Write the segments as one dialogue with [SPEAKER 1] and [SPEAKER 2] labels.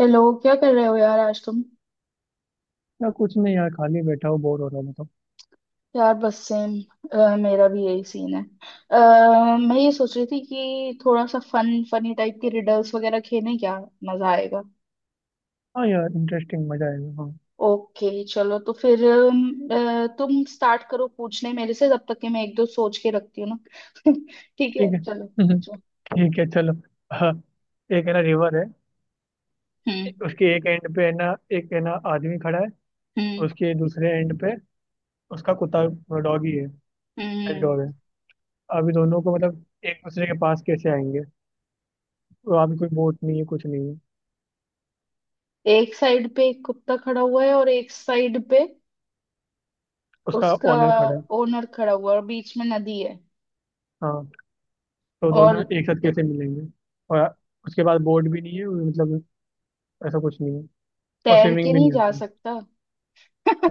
[SPEAKER 1] Hello, क्या कर रहे हो यार आज तुम?
[SPEAKER 2] या कुछ नहीं यार, खाली बैठा हूँ, बोर हो रहा हूँ तो।
[SPEAKER 1] यार बस सेम। मेरा भी यही सीन है। अ, मैं ये सोच रही थी कि थोड़ा सा फन फनी टाइप के रिडल्स वगैरह खेलें क्या? मजा आएगा।
[SPEAKER 2] हाँ यार, इंटरेस्टिंग, मजा आएगा। हाँ।
[SPEAKER 1] ओके चलो तो फिर तुम स्टार्ट करो पूछने मेरे से जब तक कि मैं एक दो सोच के रखती हूँ ना। ठीक
[SPEAKER 2] ठीक
[SPEAKER 1] है,
[SPEAKER 2] है।
[SPEAKER 1] चलो पूछो।
[SPEAKER 2] ठीक है, चलो। हाँ। एक है ना, रिवर है।
[SPEAKER 1] हम्म
[SPEAKER 2] उसके एक एंड पे है ना, एक है ना, आदमी खड़ा है।
[SPEAKER 1] हम्म
[SPEAKER 2] उसके दूसरे एंड पे उसका कुत्ता। डॉगी है। पेट
[SPEAKER 1] हम्म।
[SPEAKER 2] डॉग है। अभी दोनों को मतलब एक दूसरे के पास कैसे आएंगे? तो अभी कोई बोट नहीं है, कुछ नहीं है।
[SPEAKER 1] एक साइड पे एक कुत्ता खड़ा हुआ है और एक साइड पे
[SPEAKER 2] उसका
[SPEAKER 1] उसका
[SPEAKER 2] ओनर खड़ा है।
[SPEAKER 1] ओनर खड़ा हुआ है और बीच में नदी है।
[SPEAKER 2] हाँ। तो
[SPEAKER 1] और
[SPEAKER 2] दोनों एक साथ कैसे मिलेंगे? और उसके पास बोट भी नहीं है मतलब, ऐसा कुछ नहीं है। और
[SPEAKER 1] तैर के
[SPEAKER 2] स्विमिंग भी
[SPEAKER 1] नहीं
[SPEAKER 2] नहीं
[SPEAKER 1] जा
[SPEAKER 2] आती।
[SPEAKER 1] सकता।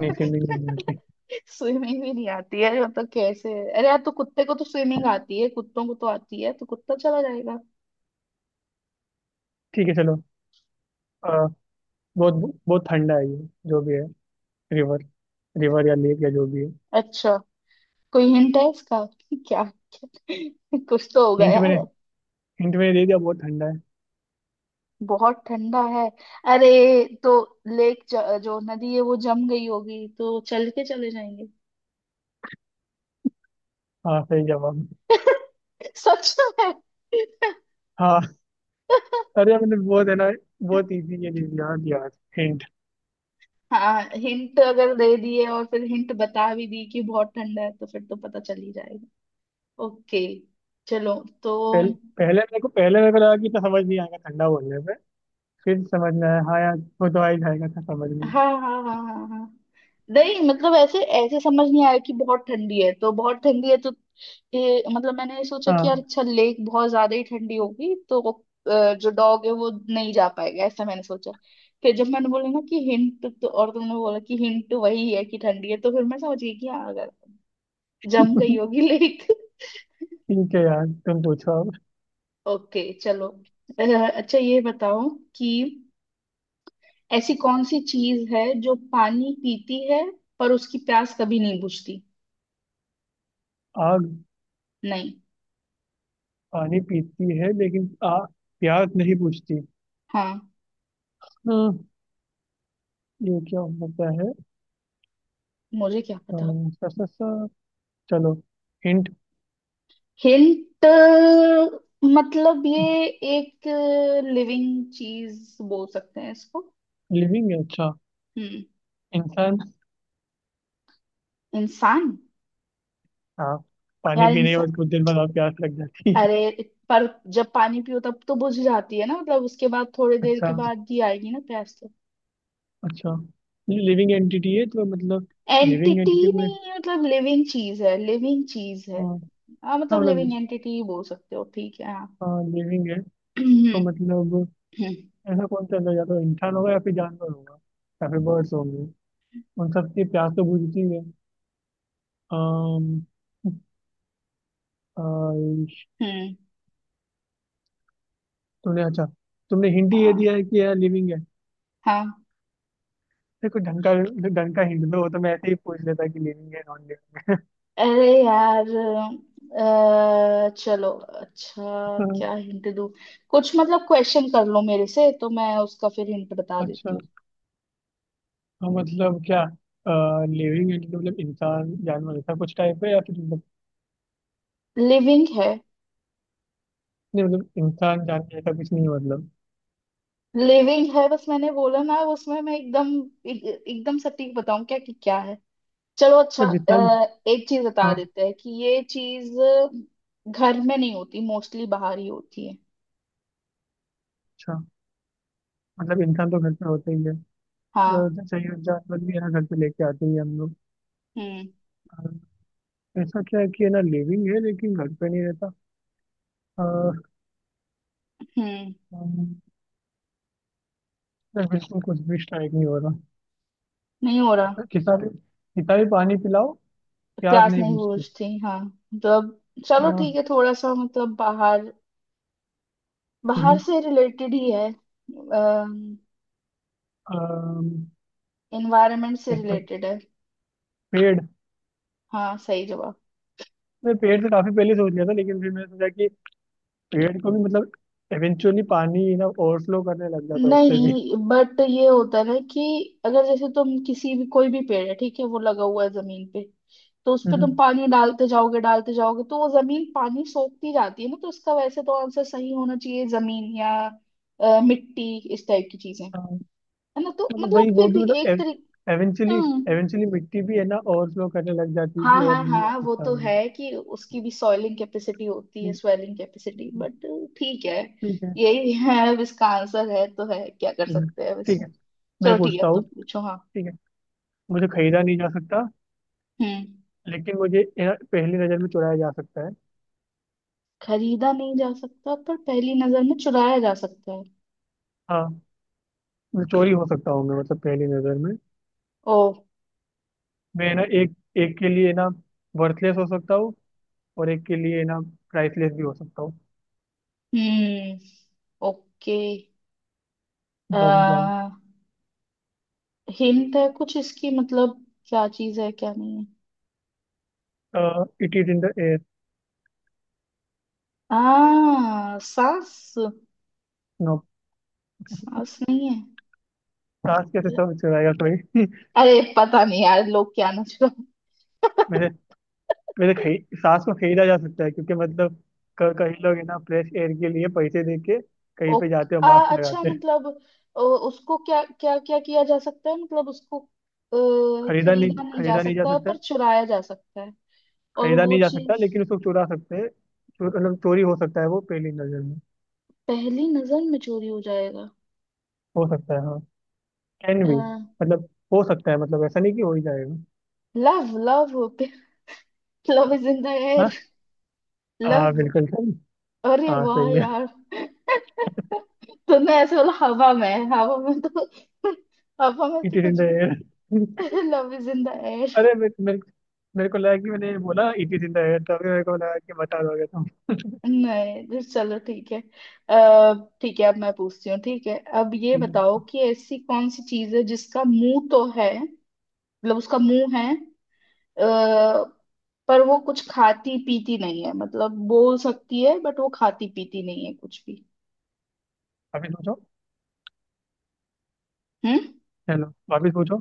[SPEAKER 2] नहीं, स्विमिंग भी नहीं आती।
[SPEAKER 1] स्विमिंग भी नहीं आती है मतलब कैसे? अरे यार, तो कुत्ते को तो स्विमिंग आती है, कुत्तों को तो आती है तो कुत्ता चला जाएगा।
[SPEAKER 2] ठीक है, चलो। आ, बहुत बहुत ठंडा है ये, जो भी है। रिवर रिवर या लेक या जो भी है।
[SPEAKER 1] अच्छा, कोई हिंट है इसका क्या? कुछ तो होगा
[SPEAKER 2] हिंट मैंने
[SPEAKER 1] यार।
[SPEAKER 2] हिंट मैंने दे दिया, बहुत ठंडा है।
[SPEAKER 1] बहुत ठंडा है। अरे, तो लेक जो नदी है वो जम गई होगी तो चल के चले जाएंगे।
[SPEAKER 2] हाँ, सही जवाब।
[SPEAKER 1] सच में।
[SPEAKER 2] हाँ। अरे मैंने बहुत है ना, बहुत इजी ये दे दिया, यार। हिंट।
[SPEAKER 1] हाँ, हिंट अगर दे दिए और फिर हिंट बता भी दी कि बहुत ठंडा है तो फिर तो पता चल ही जाएगा। ओके चलो तो।
[SPEAKER 2] पहले पहले मेरे को लगा कि तो समझ नहीं आएगा, ठंडा बोलने पे। फिर समझ में आया, हाँ यार वो तो आ ही जाएगा था समझ में।
[SPEAKER 1] हाँ हाँ हाँ हाँ हाँ हाँ। नहीं मतलब ऐसे ऐसे समझ नहीं आया कि बहुत ठंडी है तो, बहुत ठंडी है तो ये मतलब मैंने सोचा कि यार
[SPEAKER 2] हाँ।
[SPEAKER 1] अच्छा लेक बहुत ज्यादा ही ठंडी होगी तो जो डॉग है वो नहीं जा पाएगा, ऐसा मैंने सोचा। फिर जब मैंने बोला ना कि हिंट, तो और तुमने बोला कि हिंट वही है कि ठंडी है, तो फिर मैं समझ गई कि हाँ अगर जम गई होगी लेक।
[SPEAKER 2] ठीक है यार, तुम पूछो अब।
[SPEAKER 1] ओके चलो। अ, अच्छा ये बताओ कि ऐसी कौन सी चीज है जो पानी पीती है पर उसकी प्यास कभी नहीं बुझती?
[SPEAKER 2] आग।
[SPEAKER 1] नहीं।
[SPEAKER 2] पानी पीती है लेकिन आ प्यास नहीं बुझती।
[SPEAKER 1] हाँ।
[SPEAKER 2] हम्म। ये क्या हो सकता है?
[SPEAKER 1] मुझे क्या पता।
[SPEAKER 2] अम, सा, सा, सा। चलो, हिंट।
[SPEAKER 1] हिंट। मतलब ये एक लिविंग चीज बोल सकते हैं इसको।
[SPEAKER 2] लिविंग है, अच्छा।
[SPEAKER 1] हम्म।
[SPEAKER 2] इंसान।
[SPEAKER 1] इंसान?
[SPEAKER 2] हाँ। पानी
[SPEAKER 1] यार
[SPEAKER 2] पीने के
[SPEAKER 1] इंसान।
[SPEAKER 2] बाद कुछ देर बाद और प्यास लग जाती है।
[SPEAKER 1] अरे, पर जब पानी पियो तब तो बुझ जाती है ना, मतलब उसके बाद थोड़े देर
[SPEAKER 2] अच्छा,
[SPEAKER 1] के बाद ही आएगी ना प्यास तो।
[SPEAKER 2] अच्छा। लिविंग एंटिटी है तो मतलब, लिविंग
[SPEAKER 1] एंटिटी
[SPEAKER 2] एंटिटी में।
[SPEAKER 1] नहीं है, मतलब लिविंग चीज है, लिविंग चीज है।
[SPEAKER 2] हाँ। हाँ,
[SPEAKER 1] हाँ, मतलब लिविंग
[SPEAKER 2] मतलब
[SPEAKER 1] एंटिटी बोल सकते हो, ठीक है हाँ।
[SPEAKER 2] हाँ, लिविंग है।
[SPEAKER 1] हम्म,
[SPEAKER 2] तो मतलब ऐसा कौन सा अंदर जाता है, इंसान होगा या फिर जानवर होगा, या फिर बर्ड्स होंगे? उन सब की प्यास तो बुझती है। अम, अम,
[SPEAKER 1] हम्म।
[SPEAKER 2] तुमने अच्छा, तुमने हिंट ही ये
[SPEAKER 1] हाँ
[SPEAKER 2] दिया है कि यह लिविंग है।
[SPEAKER 1] हाँ।
[SPEAKER 2] देखो, ढंग का, ढंग का हिंट दो, वो तो मैं ऐसे ही पूछ लेता कि लिविंग है नॉन
[SPEAKER 1] अरे यार, चलो अच्छा,
[SPEAKER 2] लिविंग।
[SPEAKER 1] क्या हिंट दूँ? कुछ मतलब क्वेश्चन कर लो मेरे से तो मैं उसका फिर हिंट बता देती
[SPEAKER 2] अच्छा।
[SPEAKER 1] हूँ।
[SPEAKER 2] हाँ, मतलब क्या, लिविंग एंड मतलब इंसान जानवर ऐसा कुछ टाइप है, या फिर मतलब?
[SPEAKER 1] लिविंग है,
[SPEAKER 2] नहीं, मतलब इंसान जानवर ऐसा कुछ नहीं है मतलब।
[SPEAKER 1] लिविंग है, बस मैंने बोला ना, उसमें मैं एकदम एकदम सटीक बताऊं क्या कि क्या है? चलो अच्छा,
[SPEAKER 2] मतलब जितना भी।
[SPEAKER 1] एक चीज बता
[SPEAKER 2] हाँ।
[SPEAKER 1] देते हैं कि ये चीज घर में नहीं होती, मोस्टली बाहर ही होती है।
[SPEAKER 2] अच्छा, मतलब इंसान तो घर पे होता ही है।
[SPEAKER 1] हाँ,
[SPEAKER 2] जैसे ये जानवर भी है ना, घर पे लेके आते ही हैं हम लोग।
[SPEAKER 1] हम्म
[SPEAKER 2] अ, ऐसा क्या है कि है ना लिविंग है लेकिन घर पे नहीं रहता? अ,
[SPEAKER 1] हम्म।
[SPEAKER 2] हम- यार, बिल्कुल कुछ भी स्ट्राइक नहीं हो रहा।
[SPEAKER 1] नहीं हो रहा।
[SPEAKER 2] कितना भी पानी पिलाओ, प्यास
[SPEAKER 1] प्यास
[SPEAKER 2] नहीं
[SPEAKER 1] नहीं
[SPEAKER 2] बुझती।
[SPEAKER 1] बुझती, हाँ। तो अब, चलो ठीक
[SPEAKER 2] हाँ।
[SPEAKER 1] है थोड़ा सा मतलब बाहर बाहर
[SPEAKER 2] हम्म,
[SPEAKER 1] से रिलेटेड ही है।
[SPEAKER 2] अम,
[SPEAKER 1] एनवायरनमेंट से
[SPEAKER 2] एक तो
[SPEAKER 1] रिलेटेड है।
[SPEAKER 2] पेड़।
[SPEAKER 1] हाँ सही जवाब।
[SPEAKER 2] मैं पेड़ तो काफी पहले सोच लिया था, लेकिन फिर मैंने सोचा कि पेड़ को भी मतलब इवेंचुअली पानी ना ओवरफ्लो करने लग जाता है उससे भी।
[SPEAKER 1] नहीं बट ये होता है ना कि अगर जैसे तुम किसी भी कोई भी पेड़ है ठीक है वो लगा हुआ है जमीन पे, तो उस पे तुम
[SPEAKER 2] हम्म,
[SPEAKER 1] पानी डालते जाओगे तो वो जमीन पानी सोखती जाती है ना, तो इसका वैसे तो आंसर सही होना चाहिए जमीन या मिट्टी इस टाइप की चीजें,
[SPEAKER 2] हाँ,
[SPEAKER 1] है ना, तो
[SPEAKER 2] मतलब वही,
[SPEAKER 1] मतलब
[SPEAKER 2] वो
[SPEAKER 1] फिर
[SPEAKER 2] भी
[SPEAKER 1] भी एक
[SPEAKER 2] मतलब
[SPEAKER 1] तरीके।
[SPEAKER 2] एवेंचुअली। एवेंचुअली मिट्टी भी है ना ओवरफ्लो करने लग जाती थी,
[SPEAKER 1] हाँ
[SPEAKER 2] और
[SPEAKER 1] हाँ
[SPEAKER 2] नहीं
[SPEAKER 1] हाँ, वो तो
[SPEAKER 2] पाकिस्तान में।
[SPEAKER 1] है कि उसकी भी सॉइलिंग कैपेसिटी होती है,
[SPEAKER 2] ठीक
[SPEAKER 1] स्वेलिंग कैपेसिटी,
[SPEAKER 2] है।
[SPEAKER 1] बट ठीक है।
[SPEAKER 2] ठीक है।
[SPEAKER 1] यही है अब इसका आंसर है तो है, क्या कर
[SPEAKER 2] हम्म,
[SPEAKER 1] सकते हैं अब
[SPEAKER 2] ठीक
[SPEAKER 1] इसमें।
[SPEAKER 2] है, मैं
[SPEAKER 1] चलो ठीक है,
[SPEAKER 2] पूछता
[SPEAKER 1] अब
[SPEAKER 2] हूँ।
[SPEAKER 1] तुम पूछो, हाँ।
[SPEAKER 2] ठीक है। मुझे खरीदा नहीं जा सकता,
[SPEAKER 1] हम्म।
[SPEAKER 2] लेकिन मुझे ये ना पहली नजर में चुराया जा सकता है।
[SPEAKER 1] खरीदा नहीं जा सकता पर पहली नजर में चुराया जा सकता है।
[SPEAKER 2] हाँ। मैं चोरी हो सकता हूँ, मैं मतलब पहली नजर में।
[SPEAKER 1] ओ।
[SPEAKER 2] मैं है ना, एक, एक के लिए ना वर्थलेस हो सकता हूँ, और एक के लिए ना प्राइसलेस भी हो सकता हूँ।
[SPEAKER 1] हम्म। ओके।
[SPEAKER 2] बताओ मैं क्या हूँ।
[SPEAKER 1] आ, हिंट है कुछ इसकी, मतलब क्या चीज है, क्या नहीं है?
[SPEAKER 2] It is in the air.
[SPEAKER 1] सांस?
[SPEAKER 2] नो।
[SPEAKER 1] सांस नहीं है?
[SPEAKER 2] सांस कैसे समझ चलाएगा कोई।
[SPEAKER 1] अरे पता नहीं यार लोग क्या ना।
[SPEAKER 2] वैसे, सांस को खरीदा जा सकता है, क्योंकि मतलब कई लोग है ना फ्रेश एयर के लिए पैसे दे के कहीं
[SPEAKER 1] ओ,
[SPEAKER 2] पे जाते हैं,
[SPEAKER 1] आ,
[SPEAKER 2] मास्क
[SPEAKER 1] अच्छा
[SPEAKER 2] लगाते हैं।
[SPEAKER 1] मतलब उसको क्या क्या क्या किया जा सकता है, मतलब उसको खरीदा नहीं जा
[SPEAKER 2] खरीदा नहीं जा
[SPEAKER 1] सकता
[SPEAKER 2] सकता।
[SPEAKER 1] पर चुराया जा सकता है? और
[SPEAKER 2] खरीदा
[SPEAKER 1] वो
[SPEAKER 2] नहीं जा सकता,
[SPEAKER 1] चीज
[SPEAKER 2] लेकिन उसको चुरा सकते हैं, मतलब चोरी हो सकता है वो पहली नजर में।
[SPEAKER 1] पहली नजर में चोरी हो जाएगा?
[SPEAKER 2] हो सकता है, हाँ। कैन भी मतलब हो सकता है, मतलब ऐसा नहीं कि हो ही जाएगा।
[SPEAKER 1] Love, love! Love is in the
[SPEAKER 2] हाँ।
[SPEAKER 1] एयर।
[SPEAKER 2] हाँ,
[SPEAKER 1] लव।
[SPEAKER 2] बिल्कुल सही।
[SPEAKER 1] अरे
[SPEAKER 2] हाँ,
[SPEAKER 1] वाह
[SPEAKER 2] सही है।
[SPEAKER 1] यार। तुमने ऐसे बोला हवा में है। हवा में तो हवा में
[SPEAKER 2] इट
[SPEAKER 1] तो
[SPEAKER 2] इज इन द
[SPEAKER 1] कुछ
[SPEAKER 2] एयर।
[SPEAKER 1] भी। लव इज इन द
[SPEAKER 2] अरे
[SPEAKER 1] एयर।
[SPEAKER 2] मेरे, मेरे को लगा कि मैंने ये बोला it is in the air, तभी मेरे को लगा कि बता दोगे तुम।
[SPEAKER 1] नहीं, तो चलो ठीक है। अह, ठीक है अब मैं पूछती हूँ, ठीक है अब ये
[SPEAKER 2] ठीक
[SPEAKER 1] बताओ
[SPEAKER 2] है,
[SPEAKER 1] कि ऐसी कौन सी चीज है जिसका मुंह तो है, मतलब उसका मुंह है, अह, पर वो कुछ खाती पीती नहीं है, मतलब बोल सकती है बट वो खाती पीती नहीं है कुछ भी।
[SPEAKER 2] वापिस पूछो।
[SPEAKER 1] हम्म।
[SPEAKER 2] चलो वापिस पूछो।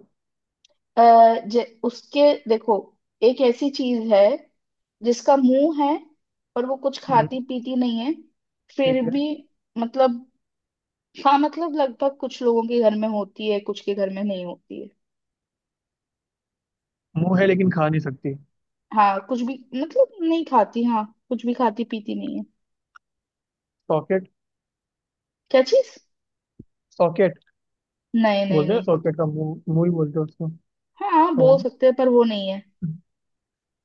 [SPEAKER 1] उसके देखो, एक ऐसी चीज है जिसका मुंह है पर वो कुछ
[SPEAKER 2] हम्म,
[SPEAKER 1] खाती पीती नहीं है फिर
[SPEAKER 2] ठीक है।
[SPEAKER 1] भी, मतलब हाँ, मतलब लगभग कुछ लोगों के घर में होती है, कुछ के घर में नहीं होती है।
[SPEAKER 2] मुंह है लेकिन खा नहीं सकती।
[SPEAKER 1] हाँ, कुछ भी मतलब नहीं खाती, हाँ कुछ भी खाती पीती नहीं है।
[SPEAKER 2] सॉकेट।
[SPEAKER 1] क्या चीज?
[SPEAKER 2] सॉकेट।
[SPEAKER 1] नहीं नहीं
[SPEAKER 2] बोलते हैं
[SPEAKER 1] नहीं।
[SPEAKER 2] सॉकेट का मुंह, मुंह ही बोलते हैं उसको।
[SPEAKER 1] हाँ
[SPEAKER 2] और
[SPEAKER 1] बोल सकते हैं, पर वो नहीं है।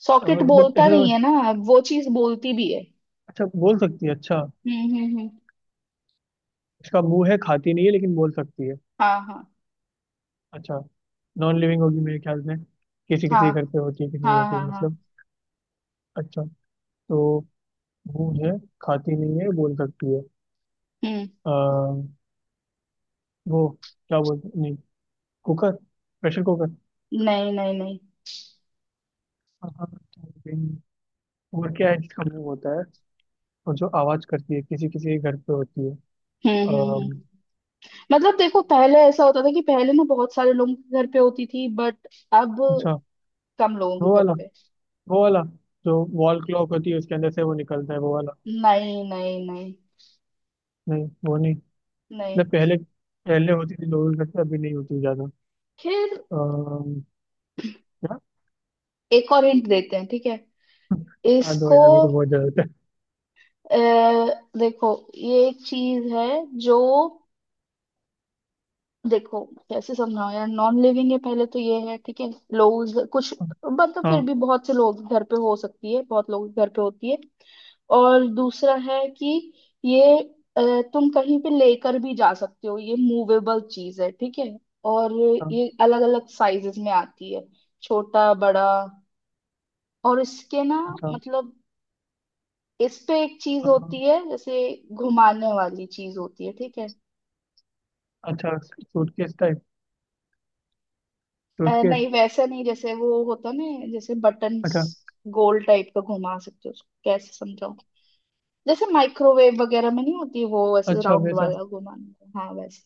[SPEAKER 1] सॉकेट
[SPEAKER 2] और मतलब
[SPEAKER 1] बोलता
[SPEAKER 2] ऐसे
[SPEAKER 1] नहीं
[SPEAKER 2] तो,
[SPEAKER 1] है ना। वो चीज बोलती भी है।
[SPEAKER 2] अच्छा बोल सकती है, अच्छा।
[SPEAKER 1] हम्म।
[SPEAKER 2] इसका मुंह है, खाती नहीं है लेकिन बोल सकती है।
[SPEAKER 1] हाँ हाँ
[SPEAKER 2] अच्छा। नॉन लिविंग होगी मेरे ख्याल में। किसी
[SPEAKER 1] हाँ।
[SPEAKER 2] किसी के घर पे होती है, किसी नहीं
[SPEAKER 1] हाँ
[SPEAKER 2] होती
[SPEAKER 1] हाँ हाँ।
[SPEAKER 2] मतलब। अच्छा। तो मुंह है, खाती नहीं है, बोल सकती
[SPEAKER 1] हम्म।
[SPEAKER 2] है। वो, क्या बोलते नहीं, कुकर। Pressure cooker.
[SPEAKER 1] नहीं नहीं नहीं।
[SPEAKER 2] हाँ, हाँ, और क्या है, इसका मुंह होता है, और जो आवाज करती है, किसी किसी के घर पे होती है।
[SPEAKER 1] हम्म।
[SPEAKER 2] अम,
[SPEAKER 1] मतलब देखो, पहले ऐसा होता था कि पहले ना बहुत सारे लोगों के घर पे होती थी, बट अब
[SPEAKER 2] अच्छा।
[SPEAKER 1] कम लोगों के
[SPEAKER 2] वो
[SPEAKER 1] घर
[SPEAKER 2] वाला,
[SPEAKER 1] पे।
[SPEAKER 2] वो वाला जो वॉल क्लॉक होती है उसके अंदर से वो निकलता है, वो वाला।
[SPEAKER 1] नहीं नहीं नहीं
[SPEAKER 2] नहीं, वो नहीं।
[SPEAKER 1] नहीं।
[SPEAKER 2] मतलब पहले, पहले होती थी लोगों के घर पे, अभी नहीं होती ज्यादा।
[SPEAKER 1] फिर
[SPEAKER 2] अम, क्या।
[SPEAKER 1] एक और हिंट देते हैं ठीक है,
[SPEAKER 2] हाँ दो
[SPEAKER 1] इसको
[SPEAKER 2] यार, मेरे को बहुत जरूरत है।
[SPEAKER 1] अ, देखो ये एक चीज है, जो, देखो कैसे समझाओ यार, नॉन लिविंग है पहले तो ये है ठीक है, लोग कुछ मतलब फिर
[SPEAKER 2] हाँ,
[SPEAKER 1] भी बहुत से लोग घर पे हो सकती है, बहुत लोग घर पे होती है, और दूसरा है कि ये अ, तुम कहीं पे लेकर भी जा सकते हो, ये मूवेबल चीज है ठीक है, और
[SPEAKER 2] हाँ।
[SPEAKER 1] ये अलग अलग साइजेस में आती है, छोटा बड़ा, और इसके ना
[SPEAKER 2] अच्छा।
[SPEAKER 1] मतलब इस पे एक चीज
[SPEAKER 2] अम,
[SPEAKER 1] होती है, जैसे घुमाने वाली चीज होती है ठीक है।
[SPEAKER 2] अच्छा सूटकेस टाइप।
[SPEAKER 1] नहीं
[SPEAKER 2] सूटकेस।
[SPEAKER 1] वैसा नहीं, जैसे वो होता ना, जैसे बटन्स,
[SPEAKER 2] अच्छा।
[SPEAKER 1] गोल टाइप का घुमा सकते हो उसको, कैसे समझाऊं, जैसे माइक्रोवेव वगैरह में नहीं होती वो वैसे
[SPEAKER 2] अच्छा
[SPEAKER 1] राउंड
[SPEAKER 2] वैसा।
[SPEAKER 1] वाला घुमाने का, हाँ वैसे।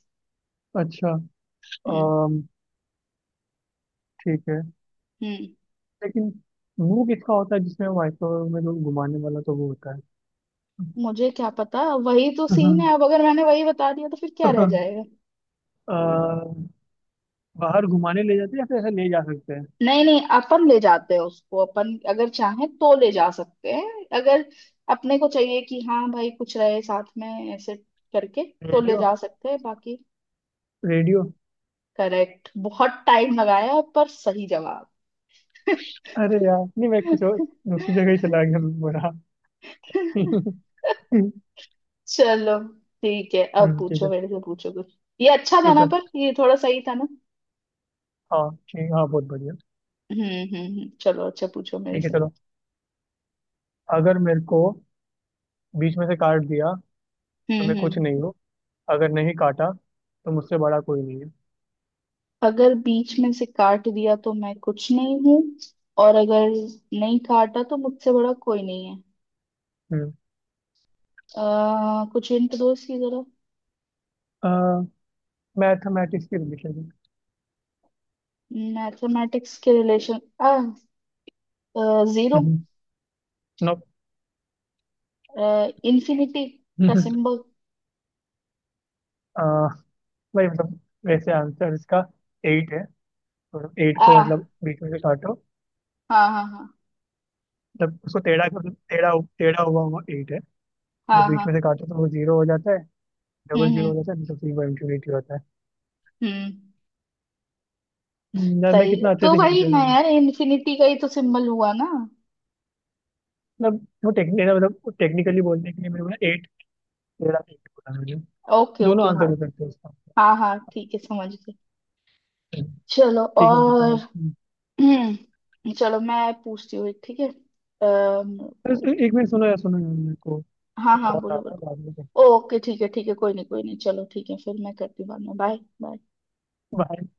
[SPEAKER 2] अच्छा।
[SPEAKER 1] हम्म
[SPEAKER 2] ठीक है।
[SPEAKER 1] हम्म।
[SPEAKER 2] लेकिन वो किसका होता है जिसमें माइक्रोवेव में लोग घुमाने वाला तो वो होता है?
[SPEAKER 1] मुझे क्या पता, वही तो सीन है अब, अगर मैंने वही बता दिया तो फिर क्या रह जाएगा?
[SPEAKER 2] अ, बाहर घुमाने ले जाते हैं या फिर ऐसे ले जा सकते हैं?
[SPEAKER 1] नहीं नहीं, अपन ले जाते हैं उसको, अपन अगर चाहें तो ले जा सकते हैं, अगर अपने को चाहिए कि हाँ भाई कुछ रहे साथ में, ऐसे करके तो ले
[SPEAKER 2] रेडियो।
[SPEAKER 1] जा सकते हैं बाकी।
[SPEAKER 2] रेडियो।
[SPEAKER 1] करेक्ट, बहुत टाइम लगाया है, पर सही जवाब।
[SPEAKER 2] अरे यार, नहीं मैं कुछ और, दूसरी जगह ही चला गया, मैं बोला।
[SPEAKER 1] चलो ठीक है, अब
[SPEAKER 2] ठीक
[SPEAKER 1] पूछो
[SPEAKER 2] है।
[SPEAKER 1] मेरे से, पूछो कुछ, ये अच्छा था
[SPEAKER 2] ठीक
[SPEAKER 1] ना
[SPEAKER 2] है।
[SPEAKER 1] पर, ये थोड़ा सही था ना।
[SPEAKER 2] हाँ ठीक, हाँ बहुत बढ़िया।
[SPEAKER 1] हम्म चलो अच्छा पूछो मेरे
[SPEAKER 2] ठीक है,
[SPEAKER 1] से।
[SPEAKER 2] चलो। अगर मेरे को बीच में से काट दिया तो मैं कुछ
[SPEAKER 1] हम्म।
[SPEAKER 2] नहीं हूँ, अगर नहीं काटा तो मुझसे बड़ा कोई नहीं है।
[SPEAKER 1] अगर बीच में से काट दिया तो मैं कुछ नहीं हूँ, और अगर नहीं काटा तो मुझसे बड़ा कोई नहीं है। कुछ हिंट दो इसकी जरा।
[SPEAKER 2] हम्म। मैथमेटिक्स की रिलेशन।
[SPEAKER 1] मैथमेटिक्स के रिलेशन? जीरो?
[SPEAKER 2] नो।
[SPEAKER 1] इन्फिनिटी का सिंबल?
[SPEAKER 2] भाई मतलब, वैसे आंसर इसका एट है, और एट
[SPEAKER 1] आ
[SPEAKER 2] को मतलब बीच में से काटो,
[SPEAKER 1] हाँ हाँ हाँ
[SPEAKER 2] मतलब उसको टेढ़ा कर, टेढ़ा। टेढ़ा हुआ हुआ एट है। मतलब
[SPEAKER 1] हाँ
[SPEAKER 2] बीच में
[SPEAKER 1] हाँ।
[SPEAKER 2] से काटो तो वो जीरो हो जाता है,
[SPEAKER 1] हम्म
[SPEAKER 2] डबल जीरो
[SPEAKER 1] हम्म
[SPEAKER 2] हो जाता है, मतलब फिर इंफिनिटी होता है।
[SPEAKER 1] हम्म।
[SPEAKER 2] न, मैं
[SPEAKER 1] सही है।
[SPEAKER 2] कितना अच्छे
[SPEAKER 1] तो
[SPEAKER 2] से हिंट
[SPEAKER 1] वही
[SPEAKER 2] दे रहा
[SPEAKER 1] ना
[SPEAKER 2] हूँ।
[SPEAKER 1] यार, इन्फिनिटी का ही तो सिंबल हुआ ना।
[SPEAKER 2] मतलब वो टेक्निक मतलब टेक्निकली बोलने के लिए मैंने बोला एट, टेढ़ा एट बोला मैंने।
[SPEAKER 1] ओके
[SPEAKER 2] दोनों
[SPEAKER 1] ओके हाँ।
[SPEAKER 2] आंसर हो सकते हैं उसका।
[SPEAKER 1] हाँ हाँ ठीक है, समझ गई। चलो
[SPEAKER 2] ठीक है, बताओ।
[SPEAKER 1] और। चलो मैं पूछती हूँ एक, ठीक है
[SPEAKER 2] बस
[SPEAKER 1] रुको।
[SPEAKER 2] एक मिनट, सुनो यार, मेरे को
[SPEAKER 1] हाँ हाँ,
[SPEAKER 2] कॉल आ
[SPEAKER 1] बोलो
[SPEAKER 2] रहा है, बाद
[SPEAKER 1] बोलो।
[SPEAKER 2] में करते हैं।
[SPEAKER 1] ओके ठीक है, ठीक है कोई नहीं, कोई नहीं चलो ठीक है, फिर मैं करती हूँ बाद में, बाय बाय।
[SPEAKER 2] Bye.